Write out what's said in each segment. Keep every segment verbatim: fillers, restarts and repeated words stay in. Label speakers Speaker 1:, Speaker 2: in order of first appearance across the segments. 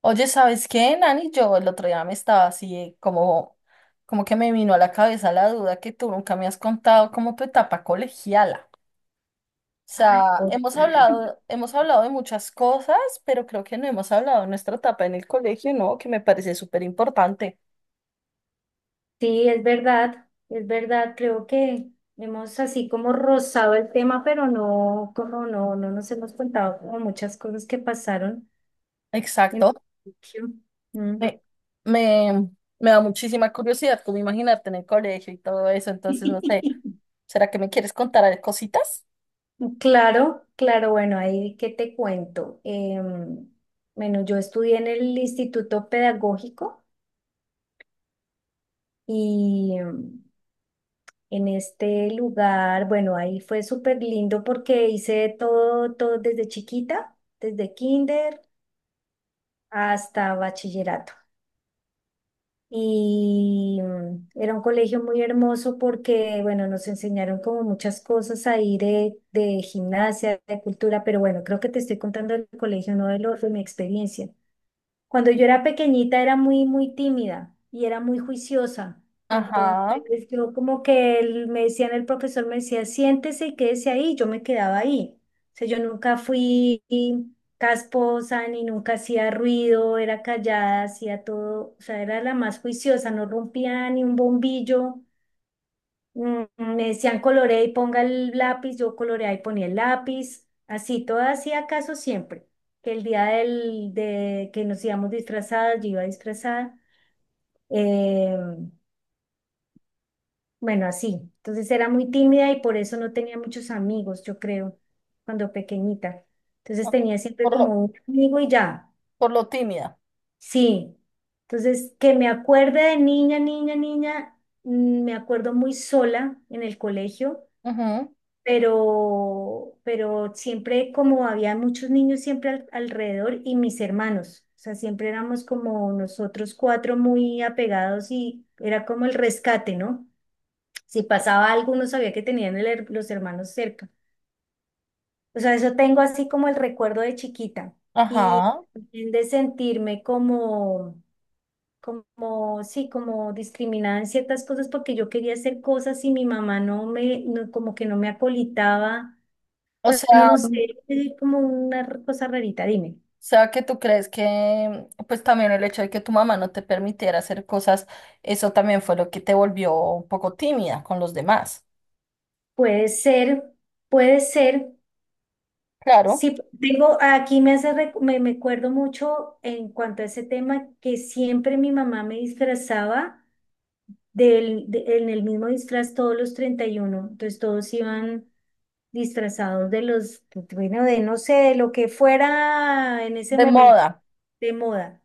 Speaker 1: Oye, ¿sabes qué, Nani? Yo el otro día me estaba así eh, como, como que me vino a la cabeza la duda que tú nunca me has contado como tu etapa colegiala. O
Speaker 2: Ay,
Speaker 1: sea,
Speaker 2: por-
Speaker 1: hemos hablado, hemos hablado de muchas cosas, pero creo que no hemos hablado de nuestra etapa en el colegio, ¿no? Que me parece súper importante.
Speaker 2: Sí, es verdad, es verdad, creo que hemos así como rozado el tema, pero no, como no, no nos hemos contado como muchas cosas que pasaron en el
Speaker 1: Exacto.
Speaker 2: colegio. Mm.
Speaker 1: Me, me, me da muchísima curiosidad como imaginarte en el colegio y todo eso, entonces no sé, ¿será que me quieres contar a- cositas?
Speaker 2: Claro, claro, bueno, ahí qué te cuento. Em, bueno, yo estudié en el Instituto Pedagógico y, em, en este lugar. Bueno, ahí fue súper lindo porque hice todo, todo desde chiquita, desde kinder hasta bachillerato. Y mm, era un colegio muy hermoso porque, bueno, nos enseñaron como muchas cosas ahí de, de gimnasia, de cultura, pero bueno, creo que te estoy contando el colegio, no de, lo, de mi experiencia. Cuando yo era pequeñita era muy, muy tímida y era muy juiciosa.
Speaker 1: Ajá,
Speaker 2: Entonces yo como que el- me decían, el profesor me decía, siéntese y quédese ahí. Yo me quedaba ahí. O sea, yo nunca fui casposa ni nunca hacía ruido, era callada, hacía todo. O sea, era la más juiciosa, no rompía ni un bombillo. Mm, mm, Me decían colorea y ponga el lápiz, yo coloreaba y ponía el lápiz, así, todo hacía caso siempre. Que el día del, de que nos íbamos disfrazadas, yo iba disfrazada. eh, bueno, así. Entonces era muy tímida y por eso no tenía muchos amigos, yo creo, cuando pequeñita. Entonces tenía siempre
Speaker 1: por lo,
Speaker 2: como un amigo y ya.
Speaker 1: por lo tímida.
Speaker 2: Sí. Entonces, que me acuerde de niña, niña, niña, mm, me acuerdo muy sola en el colegio
Speaker 1: Ujú,
Speaker 2: pero, pero siempre como había muchos niños siempre al- alrededor y mis hermanos, o sea, siempre éramos como nosotros cuatro muy apegados y era como el rescate, ¿no? Si pasaba algo, uno sabía que tenían el her- los hermanos cerca. O sea, eso tengo así como el recuerdo de chiquita y
Speaker 1: ajá,
Speaker 2: también de sentirme como... como, sí, como discriminada en ciertas cosas porque yo quería hacer cosas y mi mamá no me, no- como que no me acolitaba,
Speaker 1: o
Speaker 2: bueno,
Speaker 1: sea,
Speaker 2: no sé, es como una cosa rarita, dime.
Speaker 1: O sea, que tú crees que, pues también el hecho de que tu mamá no te permitiera hacer cosas, eso también fue lo que te volvió un poco tímida con los demás.
Speaker 2: Puede ser, puede ser.
Speaker 1: Claro,
Speaker 2: Sí, tengo, aquí me hace, recu- me, me acuerdo mucho en cuanto a ese tema que siempre mi mamá me disfrazaba del, de- en el mismo disfraz todos los treinta y uno. Entonces todos iban disfrazados de los, bueno, de no sé, de lo que fuera en ese
Speaker 1: de
Speaker 2: momento
Speaker 1: moda.
Speaker 2: de moda.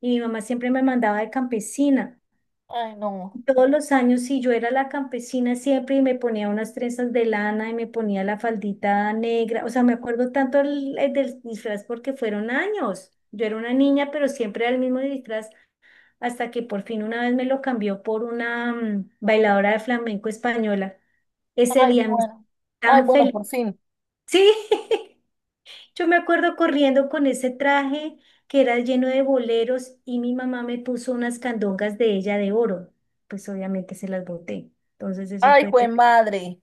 Speaker 2: Y mi mamá siempre me mandaba de campesina.
Speaker 1: Ay, no.
Speaker 2: Todos los años, sí, yo era la campesina siempre y me ponía unas trenzas de lana y me ponía la faldita negra. O sea, me acuerdo tanto el- el del disfraz porque fueron años. Yo era una niña, pero siempre era el mismo disfraz hasta que por fin una vez me lo cambió por una mm, bailadora de flamenco española. Ese
Speaker 1: Ay,
Speaker 2: día me sentí
Speaker 1: bueno. Ay,
Speaker 2: tan
Speaker 1: bueno,
Speaker 2: feliz.
Speaker 1: por fin.
Speaker 2: Sí. Yo me acuerdo corriendo con ese traje que era lleno de boleros y mi mamá me puso unas candongas de ella de oro. Pues obviamente se las boté. Entonces eso
Speaker 1: Ay,
Speaker 2: fue...
Speaker 1: jue
Speaker 2: ter-
Speaker 1: madre.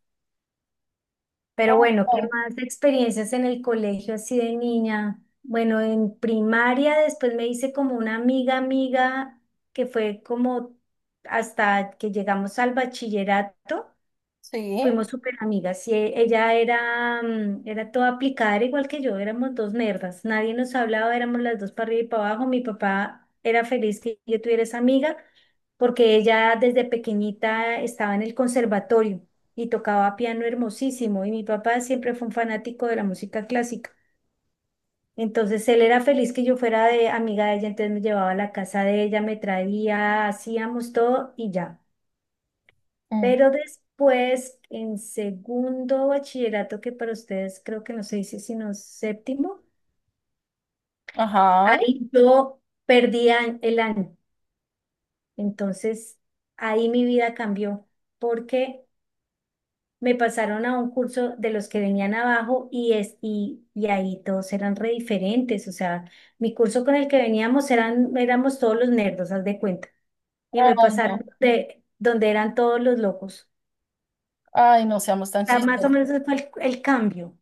Speaker 1: Ay,
Speaker 2: Pero bueno, ¿qué
Speaker 1: no.
Speaker 2: más experiencias en el colegio así de niña? Bueno, en primaria después me hice como una amiga amiga que fue como hasta que llegamos al bachillerato.
Speaker 1: Sí.
Speaker 2: Fuimos súper amigas y e- ella era, mm, era toda aplicada, era igual que yo, éramos dos nerdas, nadie nos hablaba, éramos las dos para arriba y para abajo. Mi papá era feliz que yo tuviera esa amiga porque ella desde pequeñita estaba en el conservatorio y tocaba piano hermosísimo y mi papá siempre fue un fanático de la música clásica. Entonces él era feliz que yo fuera de amiga de ella, entonces me llevaba a la casa de ella, me traía, hacíamos todo y ya.
Speaker 1: Mm.
Speaker 2: Pero después, en segundo bachillerato, que para ustedes creo que no se dice sino séptimo,
Speaker 1: Ajá.
Speaker 2: ahí yo perdí a- el año. Entonces, ahí mi vida cambió porque me pasaron a un curso de los que venían abajo y, es, y, y ahí todos eran re diferentes. O sea, mi curso con el que veníamos eran, éramos todos los nerdos, haz de cuenta. Y me
Speaker 1: Ay,
Speaker 2: pasaron
Speaker 1: no.
Speaker 2: de donde eran todos los locos.
Speaker 1: Ay, no seamos
Speaker 2: O
Speaker 1: tan
Speaker 2: sea, más o
Speaker 1: chistosos.
Speaker 2: menos ese fue el, el cambio.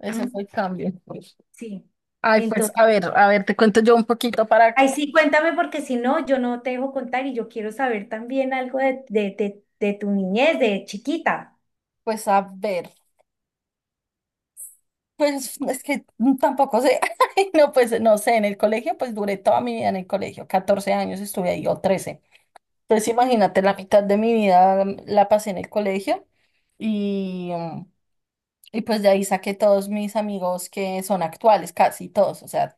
Speaker 1: Ese
Speaker 2: ¿M?
Speaker 1: fue el cambio.
Speaker 2: Sí.
Speaker 1: Ay, pues,
Speaker 2: Entonces,
Speaker 1: a ver, a ver, te cuento yo un poquito para,
Speaker 2: ahí sí, cuéntame porque si no, yo no te dejo contar y yo quiero saber también algo de, de, de, de tu niñez, de chiquita.
Speaker 1: pues, a ver. Pues es que tampoco sé. Ay, no, pues no sé, en el colegio pues duré toda mi vida en el colegio, catorce años estuve ahí o trece. Entonces imagínate, la mitad de mi vida mm, la pasé en el colegio y, mm, y pues de ahí saqué todos mis amigos que son actuales, casi todos, o sea,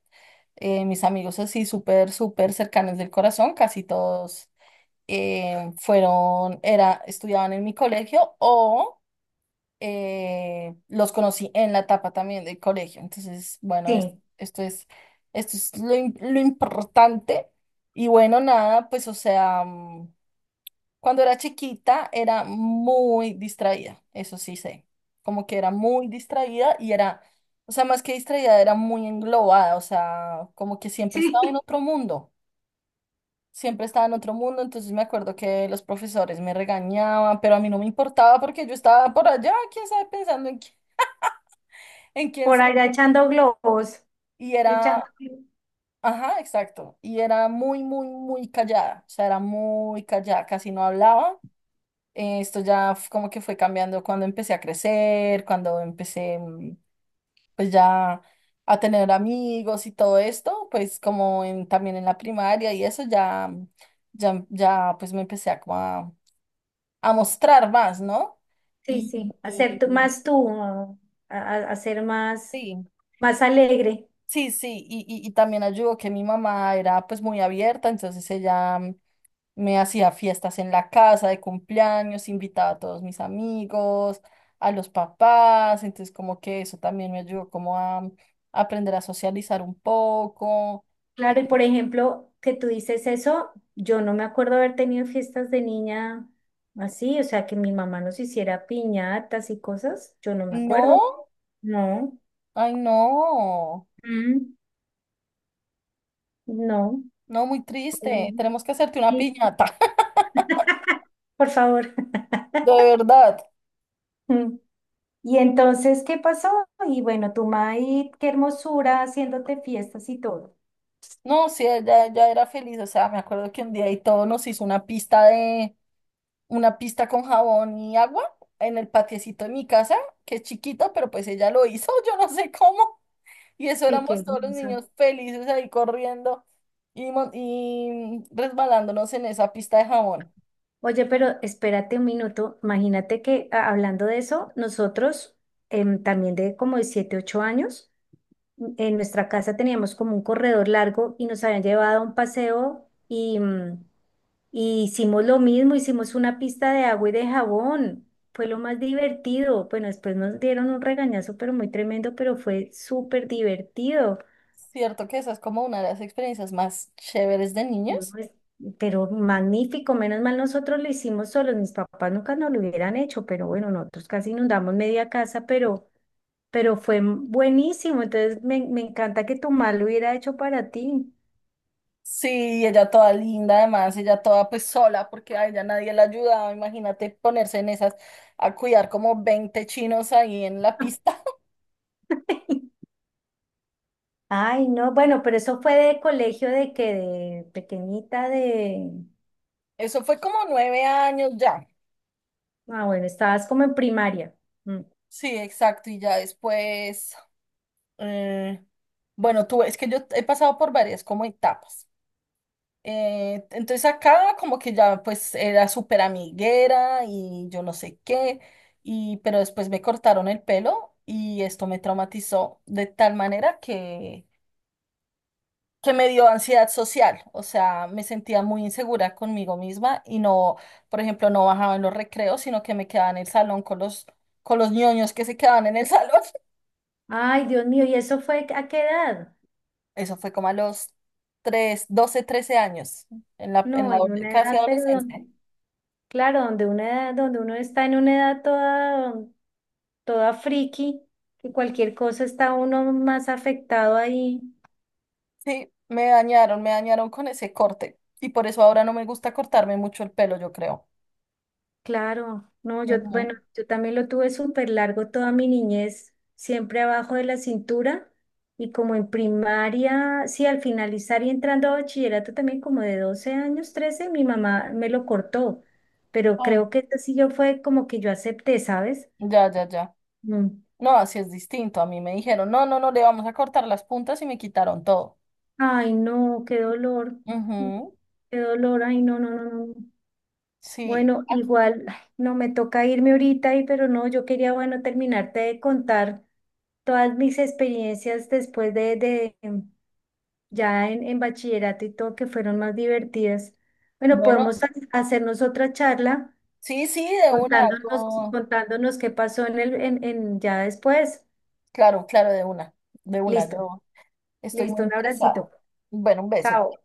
Speaker 1: eh, mis amigos así súper, súper cercanos del corazón, casi todos eh, fueron, era, estudiaban en mi colegio o eh, los conocí en la etapa también del colegio. Entonces, bueno, es-
Speaker 2: Sí,
Speaker 1: esto es, esto es lo, im- lo importante. Y bueno, nada, pues o sea, mm, cuando era chiquita era muy distraída, eso sí sé, como que era muy distraída y era, o sea, más que distraída, era muy englobada, o sea, como que siempre
Speaker 2: sí.
Speaker 1: estaba en otro mundo. Siempre estaba en otro mundo, entonces me acuerdo que los profesores me regañaban, pero a mí no me importaba porque yo estaba por allá, quién sabe, pensando en qué en quién
Speaker 2: Por
Speaker 1: sa-
Speaker 2: allá echando globos,
Speaker 1: Y
Speaker 2: echando.
Speaker 1: era, ajá, exacto. Y era muy, muy, muy callada. O sea, era muy callada, casi no hablaba. Eh, esto ya f- como que fue cambiando cuando empecé a crecer, cuando empecé mm, pues ya a tener amigos y todo esto, pues como en, también en la primaria y eso ya, mm, ya, ya pues me empecé a, como a, a mostrar más, ¿no?
Speaker 2: Sí, sí,
Speaker 1: Y,
Speaker 2: hacer
Speaker 1: y-
Speaker 2: tú- más tú, ah, a, a- hacer más,
Speaker 1: sí,
Speaker 2: más alegre.
Speaker 1: sí, sí. Y, y, y también ayudó que mi mamá era pues muy abierta, entonces ella mm, me hacía fiestas en la casa de cumpleaños, invitaba a todos mis amigos, a los papás, entonces como que eso también me ayudó como a mm, aprender a socializar un poco. Eh,
Speaker 2: Claro, y por ejemplo, que tú dices eso, yo no me acuerdo haber tenido fiestas de niña así, o sea, que mi mamá nos hiciera piñatas y cosas, yo no me acuerdo.
Speaker 1: No,
Speaker 2: No.
Speaker 1: ay no,
Speaker 2: Mm. No,
Speaker 1: no, muy
Speaker 2: no, no.
Speaker 1: triste, tenemos que hacerte una
Speaker 2: Sí,
Speaker 1: piñata,
Speaker 2: por favor.
Speaker 1: de verdad.
Speaker 2: Mm. Y entonces, ¿qué pasó? Y bueno, tu maíz, qué hermosura, haciéndote fiestas y todo.
Speaker 1: No, sí, ella ya era feliz, o sea, me acuerdo que un día y todo nos hizo una pista de, una pista con jabón y agua en el patiecito de mi casa, que es chiquito pero pues ella lo hizo, yo no sé cómo. Y eso
Speaker 2: Ay, qué
Speaker 1: éramos todos los
Speaker 2: hermoso.
Speaker 1: niños felices ahí corriendo y, mon- y resbalándonos en esa pista de jabón.
Speaker 2: Oye, pero espérate un minuto. Imagínate que a- hablando de eso, nosotros em, también de como de siete, ocho años, m- en nuestra casa teníamos como un corredor largo y nos habían llevado a un paseo y mm, Y hicimos lo mismo, hicimos una pista de agua y de jabón. Fue lo más divertido. Bueno, después nos dieron un regañazo, pero muy tremendo, pero fue súper divertido.
Speaker 1: Cierto que esa es como una de las experiencias más chéveres de
Speaker 2: No,
Speaker 1: niños.
Speaker 2: pues, pero magnífico, menos mal nosotros lo hicimos solos. Mis papás nunca nos lo hubieran hecho, pero bueno, nosotros casi inundamos media casa, pero, pero fue buenísimo. Entonces me, me encanta que tu mamá lo hubiera hecho para ti.
Speaker 1: Sí, y ella toda linda, además, ella toda pues sola, porque a ella nadie la ayudaba. Imagínate ponerse en esas a cuidar como veinte chinos ahí en la pista.
Speaker 2: Ay, no, bueno, pero eso fue de colegio de que de pequeñita de...
Speaker 1: Eso fue como nueve años ya.
Speaker 2: Ah, bueno, estabas como en primaria. Mm.
Speaker 1: Sí, exacto. Y ya después, eh, bueno, tú, es que yo he pasado por varias como etapas. Eh, entonces acá como que ya pues era súper amiguera y yo no sé qué, y, pero después me cortaron el pelo y esto me traumatizó de tal manera que, que me dio ansiedad social, o sea, me sentía muy insegura conmigo misma y no, por ejemplo, no bajaba en los recreos, sino que me quedaba en el salón con los, con los, ñoños que se quedaban en el salón.
Speaker 2: Ay, Dios mío, ¿y eso fue a qué edad?
Speaker 1: Eso fue como a los tres, doce, trece años, en la, en
Speaker 2: No,
Speaker 1: la,
Speaker 2: en
Speaker 1: adole-
Speaker 2: una
Speaker 1: casi
Speaker 2: edad, pero
Speaker 1: adolescencia.
Speaker 2: donde, claro, donde una edad, donde uno está en una edad toda, toda friki, que cualquier cosa está uno más afectado ahí.
Speaker 1: Sí, me dañaron, me dañaron con ese corte. Y por eso ahora no me gusta cortarme mucho el pelo, yo creo.
Speaker 2: Claro, no, yo,
Speaker 1: Ujú.
Speaker 2: bueno, yo también lo tuve súper largo toda mi niñez, siempre abajo de la cintura y como en primaria, sí, al finalizar y entrando a bachillerato también como de doce años, trece mi mamá me lo cortó, pero
Speaker 1: Ay,
Speaker 2: creo que esto sí yo fue como que yo acepté, ¿sabes?
Speaker 1: ya, ya, ya.
Speaker 2: Mm.
Speaker 1: No, así es distinto. A mí me dijeron, no, no, no, le vamos a cortar las puntas y me quitaron todo.
Speaker 2: Ay, no, qué dolor, mm,
Speaker 1: Ujú.
Speaker 2: qué dolor, ay, no, no, no, no.
Speaker 1: Sí.
Speaker 2: Bueno, igual, ay, no me toca irme ahorita, y, pero no, yo quería, bueno, terminarte de contar todas mis experiencias después de, de em, ya en, en, bachillerato y todo que fueron más divertidas. Bueno,
Speaker 1: Bueno,
Speaker 2: podemos ha- hacernos otra charla
Speaker 1: sí, sí, de una.
Speaker 2: contándonos,
Speaker 1: yo-
Speaker 2: contándonos qué pasó en el, en, en ya después.
Speaker 1: Claro, claro, de una. De una,
Speaker 2: Listo,
Speaker 1: yo estoy muy
Speaker 2: listo, un
Speaker 1: interesada.
Speaker 2: abracito.
Speaker 1: Bueno, un beso.
Speaker 2: Chao.